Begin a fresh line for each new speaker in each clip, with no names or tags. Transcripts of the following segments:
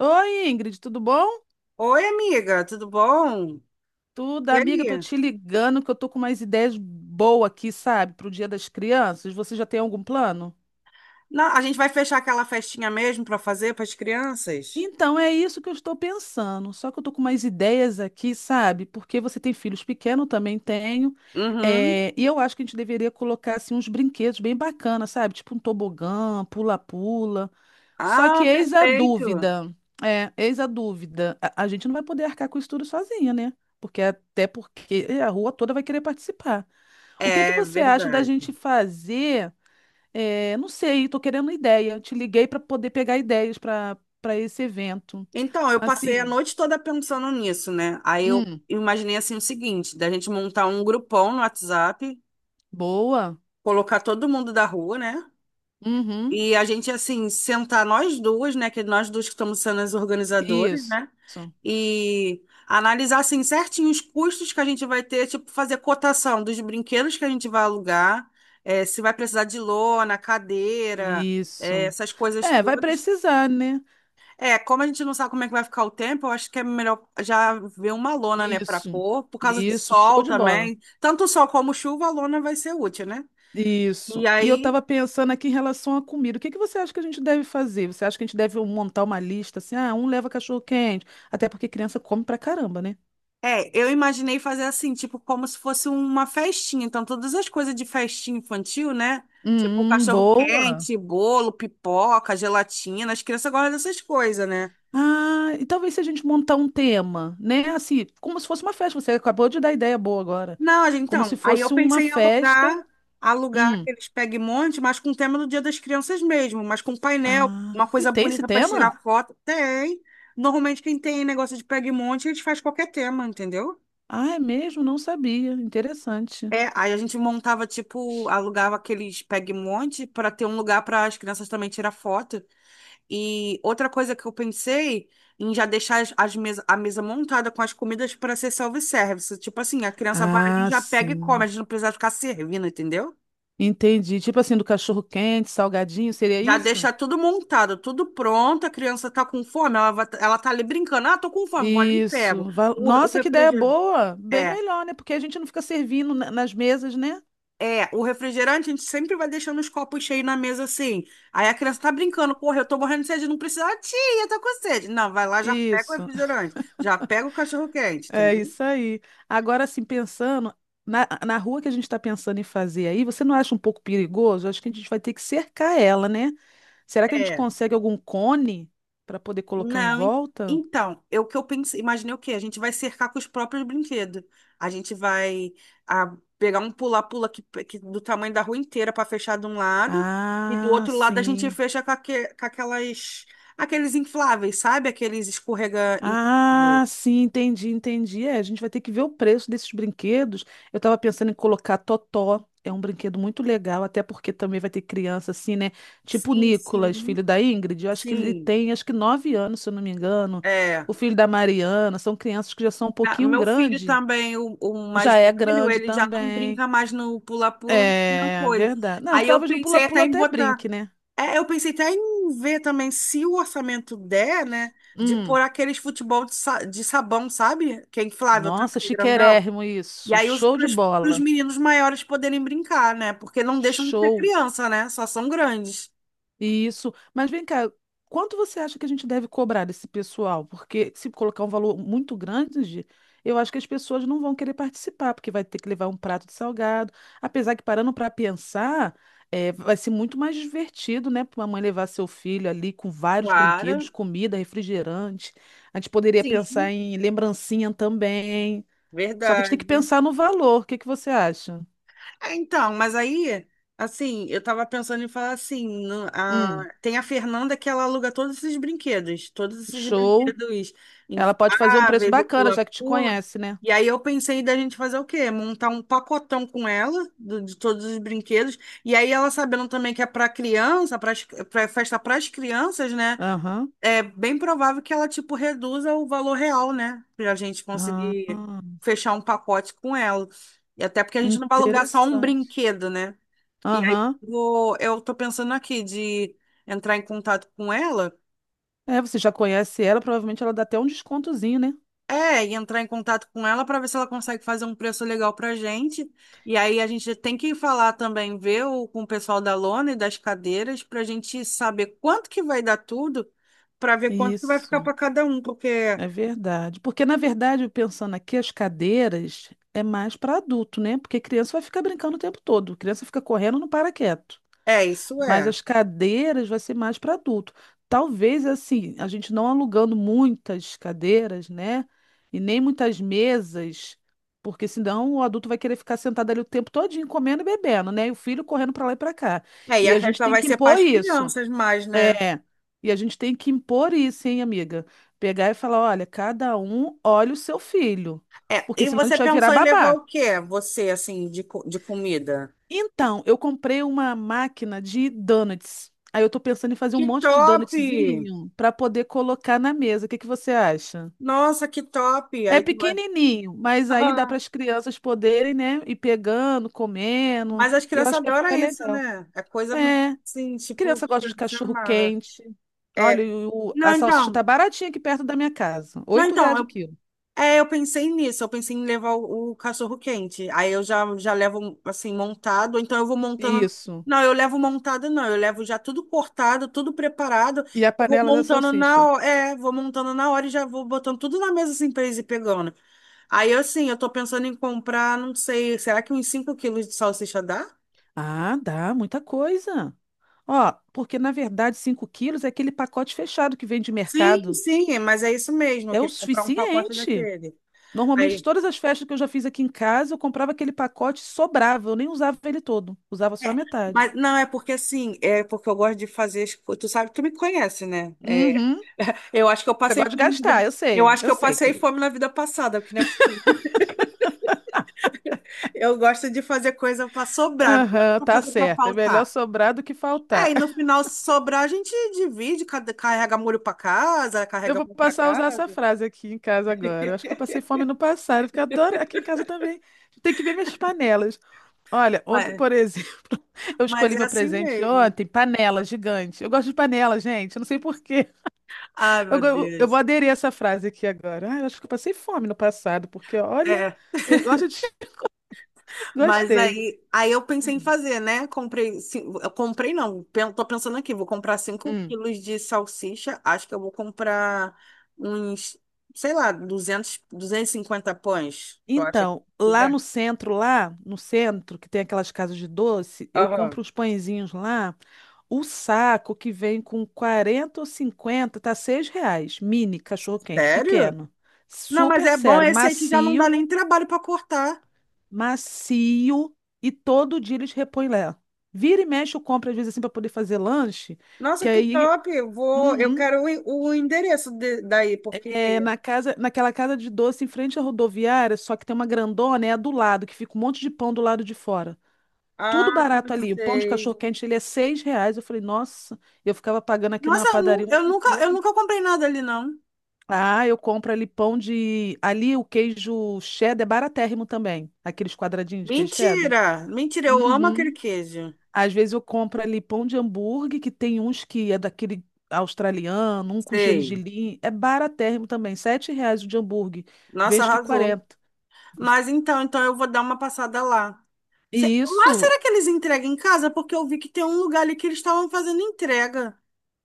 Oi, Ingrid, tudo bom?
Oi, amiga, tudo bom?
Tudo,
E
amiga, tô
aí?
te ligando que eu tô com umas ideias boas aqui, sabe, pro Dia das Crianças. Você já tem algum plano?
A gente vai fechar aquela festinha mesmo para fazer para as crianças?
Então, é isso que eu estou pensando. Só que eu tô com umas ideias aqui, sabe? Porque você tem filhos pequenos, eu também tenho.
Uhum.
É, e eu acho que a gente deveria colocar assim, uns brinquedos bem bacanas, sabe? Tipo um tobogã, pula-pula. Só que
Ah,
eis a
perfeito.
dúvida. É, eis a dúvida. A gente não vai poder arcar com isso tudo sozinha, né? Porque até porque a rua toda vai querer participar. O que que
É
você acha da
verdade.
gente fazer? É, não sei, estou querendo ideia. Eu te liguei para poder pegar ideias para esse evento.
Então, eu passei a
Assim,
noite toda pensando nisso, né? Aí eu
hum,
imaginei assim o seguinte, da gente montar um grupão no WhatsApp,
boa.
colocar todo mundo da rua, né?
Uhum,
E a gente, assim, sentar nós duas, né? Que nós duas que estamos sendo as organizadoras,
isso,
né? E analisar, assim, certinho os custos que a gente vai ter, tipo, fazer cotação dos brinquedos que a gente vai alugar, se vai precisar de lona, cadeira,
isso.
essas coisas
É, vai
todas.
precisar, né?
É, como a gente não sabe como é que vai ficar o tempo, eu acho que é melhor já ver uma lona, né, para
Isso,
pôr, por causa do
isso, show
sol
de bola.
também. Tanto sol como chuva, a lona vai ser útil, né? E
Isso. E eu
aí.
estava pensando aqui em relação à comida. O que que você acha que a gente deve fazer? Você acha que a gente deve montar uma lista assim? Ah, um leva cachorro-quente. Até porque criança come pra caramba, né?
É, eu imaginei fazer assim, tipo, como se fosse uma festinha. Então, todas as coisas de festinha infantil, né? Tipo,
Boa.
cachorro-quente, bolo, pipoca, gelatina. As crianças gostam dessas coisas, né?
Ah, e talvez se a gente montar um tema, né? Assim, como se fosse uma festa. Você acabou de dar ideia boa agora.
Não,
Como se
então, aí eu
fosse uma
pensei em
festa.
alugar, alugar
Hum.
aqueles pegue-monte, mas com o tema do Dia das Crianças mesmo, mas com painel,
Ah,
uma
e
coisa
tem esse
bonita para tirar
tema?
foto. Tem. Normalmente, quem tem negócio de pegue-monte, a gente faz qualquer tema, entendeu?
Ah, é mesmo? Não sabia. Interessante.
É, aí a gente montava, tipo, alugava aqueles peg-monte para ter um lugar para as crianças também tirar foto. E outra coisa que eu pensei em já deixar a mesa montada com as comidas para ser self-service. Tipo assim, a criança vai ali,
Ah,
já pega e come,
sim.
a gente não precisa ficar servindo, entendeu?
Entendi. Tipo assim, do cachorro-quente, salgadinho, seria
Já
isso?
deixar tudo montado, tudo pronto, a criança tá com fome, ela tá ali brincando, ah, tô com fome, vou ali e pego.
Isso.
O
Nossa, que ideia
refrigerante.
boa! Bem melhor, né? Porque a gente não fica servindo nas mesas, né?
É, o refrigerante a gente sempre vai deixando os copos cheios na mesa assim. Aí a criança tá brincando, porra, eu tô morrendo de sede, não precisa, ah, tia, eu tô com sede. Não, vai lá, já pega o
Isso.
refrigerante, já pega o cachorro-quente,
É
entendeu?
isso aí. Agora, assim, pensando na rua que a gente está pensando em fazer aí, você não acha um pouco perigoso? Acho que a gente vai ter que cercar ela, né? Será que a gente
É,
consegue algum cone para poder colocar em
não,
volta?
então, eu pensei, imaginei o quê? A gente vai cercar com os próprios brinquedos. A gente vai ah, pegar um pula-pula que do tamanho da rua inteira para fechar de um lado e do
Ah,
outro lado a gente
sim.
fecha com, com aquelas aqueles infláveis, sabe? Aqueles escorrega.
Ah, sim, entendi, entendi. É, a gente vai ter que ver o preço desses brinquedos. Eu estava pensando em colocar Totó. É um brinquedo muito legal, até porque também vai ter criança assim, né? Tipo o
Sim,
Nicolas,
sim,
filho da Ingrid. Eu acho que ele
sim.
tem, acho que 9 anos, se eu não me engano.
É.
O filho da Mariana. São crianças que já são um
Ah,
pouquinho
meu filho
grande.
também, o mais
Já é
velho,
grande
ele já não
também.
brinca mais no pula-pula, não
É,
coisa.
verdade. Não,
Aí eu
talvez no
pensei até
pula-pula
em
até
botar.
brinque, né?
É, eu pensei até em ver também se o orçamento der, né? De pôr
Hum.
aqueles futebol de, de sabão, sabe? Que é inflável,
Nossa,
também, grandão.
chiquérrimo
E
isso.
aí os
Show de
pros
bola.
meninos maiores poderem brincar, né? Porque não deixam de ser
Show.
criança, né? Só são grandes.
Isso. Mas vem cá, quanto você acha que a gente deve cobrar desse pessoal? Porque se colocar um valor muito grande, eu acho que as pessoas não vão querer participar, porque vai ter que levar um prato de salgado. Apesar que parando para pensar, vai ser muito mais divertido, né, para uma mãe levar seu filho ali com vários
Claro,
brinquedos, comida, refrigerante. A gente poderia
sim,
pensar em lembrancinha também. Só que a gente tem que
verdade.
pensar no valor. O que que você acha?
É, então, mas aí, assim, eu tava pensando em falar assim,
Hum,
tem a Fernanda que ela aluga todos esses
show.
brinquedos
Ela pode fazer um preço
infláveis, o
bacana, já que te
pula-pula.
conhece, né?
E aí eu pensei da gente fazer o quê? Montar um pacotão com ela, de todos os brinquedos. E aí ela sabendo também que é para criança, para festa para as crianças, né?
Aham.
É bem provável que ela, tipo, reduza o valor real, né? Pra gente
Ah,
conseguir fechar um pacote com ela. E até porque a gente não vai alugar só um
interessante.
brinquedo, né? E aí
Aham.
eu tô pensando aqui de entrar em contato com ela.
É, você já conhece ela, provavelmente ela dá até um descontozinho, né?
É, e entrar em contato com ela para ver se ela consegue fazer um preço legal pra gente. E aí a gente tem que falar também, ver o, com o pessoal da lona e das cadeiras, pra gente saber quanto que vai dar tudo, pra ver quanto que vai ficar
Isso,
pra cada um, porque
é verdade. Porque, na verdade, eu pensando aqui, as cadeiras é mais para adulto, né? Porque criança vai ficar brincando o tempo todo. Criança fica correndo, não para quieto.
é, isso
Mas
é.
as cadeiras vai ser mais para adulto. Talvez assim, a gente não alugando muitas cadeiras, né? E nem muitas mesas, porque senão o adulto vai querer ficar sentado ali o tempo todinho comendo e bebendo, né? E o filho correndo para lá e para cá.
É, e
E
a
a gente
festa
tem
vai
que
ser para
impor
as
isso.
crianças mais, né?
É. E a gente tem que impor isso, hein, amiga? Pegar e falar, olha, cada um olha o seu filho,
É,
porque
e
senão a
você
gente vai virar
pensou em levar
babá.
o quê? Você, assim, de comida?
Então, eu comprei uma máquina de donuts. Aí eu tô pensando em fazer um
Que
monte de
top!
donutzinho para poder colocar na mesa. O que que você acha?
Nossa, que top!
É
Aí tu vai...
pequenininho, mas aí dá para
Aham.
as crianças poderem, né, ir pegando, comendo.
Mas as
Eu
crianças
acho que vai
adoram
ficar
isso,
legal.
né? É coisa
É,
assim, tipo,
criança
que
gosta de
se
cachorro
amarra.
quente. Olha,
É.
a
Não,
salsicha tá
então.
baratinha aqui perto da minha casa.
Não,
R$ 8 o
então,
quilo.
é, eu pensei nisso, eu pensei em levar o cachorro quente. Aí eu já levo assim montado, então eu vou montando.
Isso.
Não, eu levo montado, não, eu levo já tudo cortado, tudo preparado.
E a
Eu vou
panela da
montando na
salsicha.
hora, é, vou montando na hora e já vou botando tudo na mesa assim pra eles ir pegando. Aí assim, eu tô pensando em comprar, não sei, será que uns 5 kg de salsicha dá?
Ah, dá muita coisa. Ó, porque na verdade 5 quilos é aquele pacote fechado que vem de
Sim,
mercado.
sim, mas é isso mesmo, eu
É o
queria comprar um pacote
suficiente.
daquele.
Normalmente,
Aí,
todas as festas que eu já fiz aqui em casa, eu comprava aquele pacote e sobrava. Eu nem usava ele todo, usava só a
é,
metade.
mas não, é porque assim, é porque eu gosto de fazer, tu sabe, tu me conhece, né?
Uhum.
Eu acho que eu
Você
passei
gosta de
fome na vida.
gastar,
Eu acho que
eu
eu
sei,
passei
querido.
fome na vida passada, porque não é possível. Eu gosto de fazer coisa para sobrar, não
Aham,
gosto de
tá
fazer para
certo. É melhor
faltar.
sobrar do que
É,
faltar.
e no final, se sobrar, a gente divide, carrega molho para casa,
Eu
carrega
vou
pão para
passar a usar essa
casa.
frase aqui em casa agora. Eu acho que eu passei fome no passado, porque eu adoro aqui em casa também. Tem que ver minhas panelas. Olha, ontem,
Mas,
por exemplo, eu
mas
escolhi
é
meu
assim
presente
mesmo.
ontem, panela gigante. Eu gosto de panela, gente. Eu não sei por quê.
Ai,
Eu,
meu
go- eu vou
Deus.
aderir a essa frase aqui agora. Ah, eu acho que eu passei fome no passado, porque olha,
É.
eu gosto de.
Mas
Gostei.
aí eu pensei em fazer, né? Comprei, cin- eu comprei não, pen- tô pensando aqui, vou comprar cinco
Hum.
quilos de salsicha, acho que eu vou comprar uns, sei lá, 200 250 pães, eu acho
Então,
que dá.
lá no centro, que tem aquelas casas de doce, eu
Aham.
compro os pãezinhos lá. O saco que vem com 40 ou 50 tá R$ 6. Mini cachorro-quente,
Sério?
pequeno.
Não, mas
Super
é bom
sério,
esse aí que já não dá
macio,
nem trabalho para cortar.
macio. E todo dia eles repõem lá. Vira e mexe, eu compro às vezes assim para poder fazer lanche.
Nossa,
Que
que
aí,
top! Eu vou, eu
uhum,
quero o, o endereço daí,
é,
porque...
na casa, naquela casa de doce em frente à rodoviária, só que tem uma grandona, é a do lado, que fica um monte de pão do lado de fora.
Ah,
Tudo barato ali. O pão de
sei.
cachorro-quente, ele é R$ 6. Eu falei, nossa, eu ficava pagando aqui na
Nossa, eu,
padaria uma
eu
fortuna.
nunca comprei nada ali, não.
Ah, eu compro ali pão de. Ali o queijo cheddar é baratérrimo também. Aqueles quadradinhos de queijo cheddar.
Mentira! Mentira, eu amo aquele
Uhum.
queijo.
Às vezes eu compro ali pão de hambúrguer, que tem uns que é daquele australiano, um com
Sei.
gergelim. É baratérrimo também. R$ 7 o de hambúrguer.
Nossa,
Vejo que
arrasou.
40.
Mas então, então eu vou dar uma passada lá.
E
Lá
isso.
será que eles entregam em casa? Porque eu vi que tem um lugar ali que eles estavam fazendo entrega.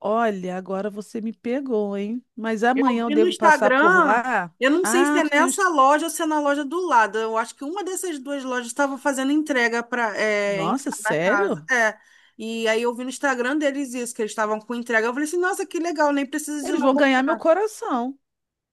Olha, agora você me pegou, hein? Mas
Eu
amanhã eu
vi no
devo passar por
Instagram,
lá?
eu não sei se
Ah,
é
tu
nessa
tens.
loja ou se é na loja do lado. Eu acho que uma dessas duas lojas estava fazendo entrega para é, em
Nossa,
cada casa.
sério?
É. E aí eu vi no Instagram deles isso, que eles estavam com entrega. Eu falei assim, nossa, que legal, nem precisa de ir
Eles
lá
vão ganhar meu
comprar.
coração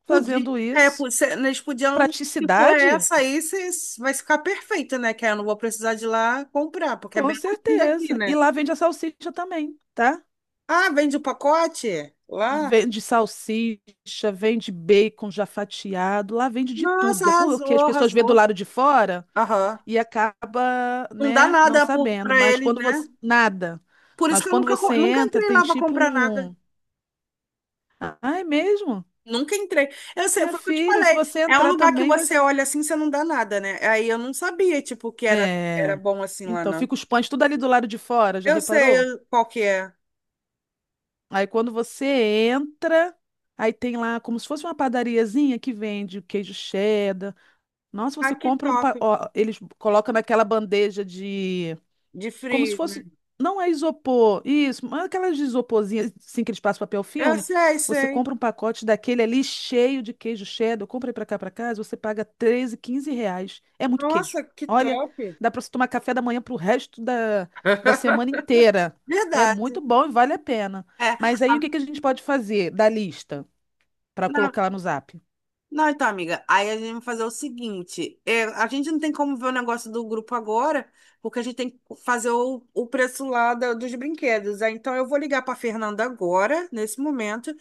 Podia,
fazendo isso.
eles podiam, se for
Praticidade?
essa aí, vai ficar perfeita, né? Que aí eu não vou precisar de ir lá comprar, porque é
Com
bem longe daqui,
certeza. E
né?
lá vende a salsicha também, tá?
Ah, vende o pacote lá?
Vende salsicha, vende bacon já fatiado, lá vende de
Nossa,
tudo. É
arrasou,
porque as pessoas vê do
arrasou.
lado de fora
Aham.
e acaba,
Não dá
né, não
nada por,
sabendo.
pra
Mas
eles,
quando
né?
você. Nada.
Por isso
Mas
que eu
quando você
nunca
entra,
entrei
tem
lá pra
tipo
comprar nada.
um. Ah, é mesmo?
Nunca entrei. Eu sei,
Minha
foi o que eu te
filha, se
falei.
você
É um
entrar
lugar que
também, vai.
você olha assim, você não dá nada, né? Aí eu não sabia, tipo, que era, era
É.
bom assim lá,
Então,
não.
fica os pães tudo ali do lado de fora, já
Eu sei
reparou?
qual que é.
Aí quando você entra, aí tem lá como se fosse uma padariazinha que vende queijo cheddar. Nossa,
Ah,
você
que
compra um.
top.
Ó, eles colocam naquela bandeja de.
De
Como se
frio.
fosse. Não é isopor, isso, mas aquelas de isoporzinha, assim, que eles passam papel
Eu
filme.
sei,
Você
sei.
compra um pacote daquele ali cheio de queijo cheddar. Eu comprei pra cá, pra casa, você paga R$ 13, R$ 15. É muito queijo.
Nossa, que
Olha,
top.
dá pra você tomar café da manhã pro resto da semana inteira. É muito
Verdade.
bom e vale a pena.
É,
Mas aí
a-
o que que a gente pode fazer da lista pra
não,
colocar lá no Zap?
não, então, amiga, aí a gente vai fazer o seguinte: é, a gente não tem como ver o negócio do grupo agora, porque a gente tem que fazer o preço lá dos brinquedos. Aí, então, eu vou ligar para Fernanda agora, nesse momento,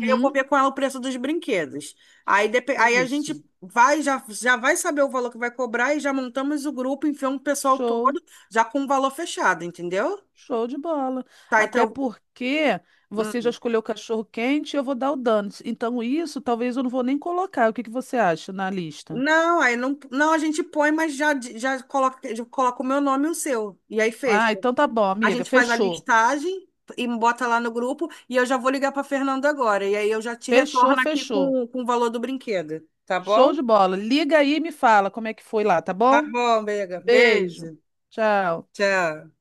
e eu vou ver com ela o preço dos brinquedos. Aí, aí a gente
isso.
vai, já vai saber o valor que vai cobrar e já montamos o grupo, enfiamos o pessoal
Show.
todo, já com o valor fechado, entendeu?
Show de bola.
Tá,
Até
então.
porque você já escolheu o cachorro quente e eu vou dar o Donuts. Então, isso talvez eu não vou nem colocar. O que que você acha na lista?
Não, aí não, não, a gente põe, mas já coloca o meu nome e o seu. E aí fecha.
Ah, então tá bom,
A
amiga.
gente faz a
Fechou.
listagem e bota lá no grupo. E eu já vou ligar para Fernanda agora. E aí eu já te
Fechou,
retorno aqui
fechou.
com o valor do brinquedo. Tá
Show
bom?
de bola. Liga aí e me fala como é que foi lá, tá
Tá
bom?
bom, Bega.
Beijo.
Beijo.
Tchau.
Tchau.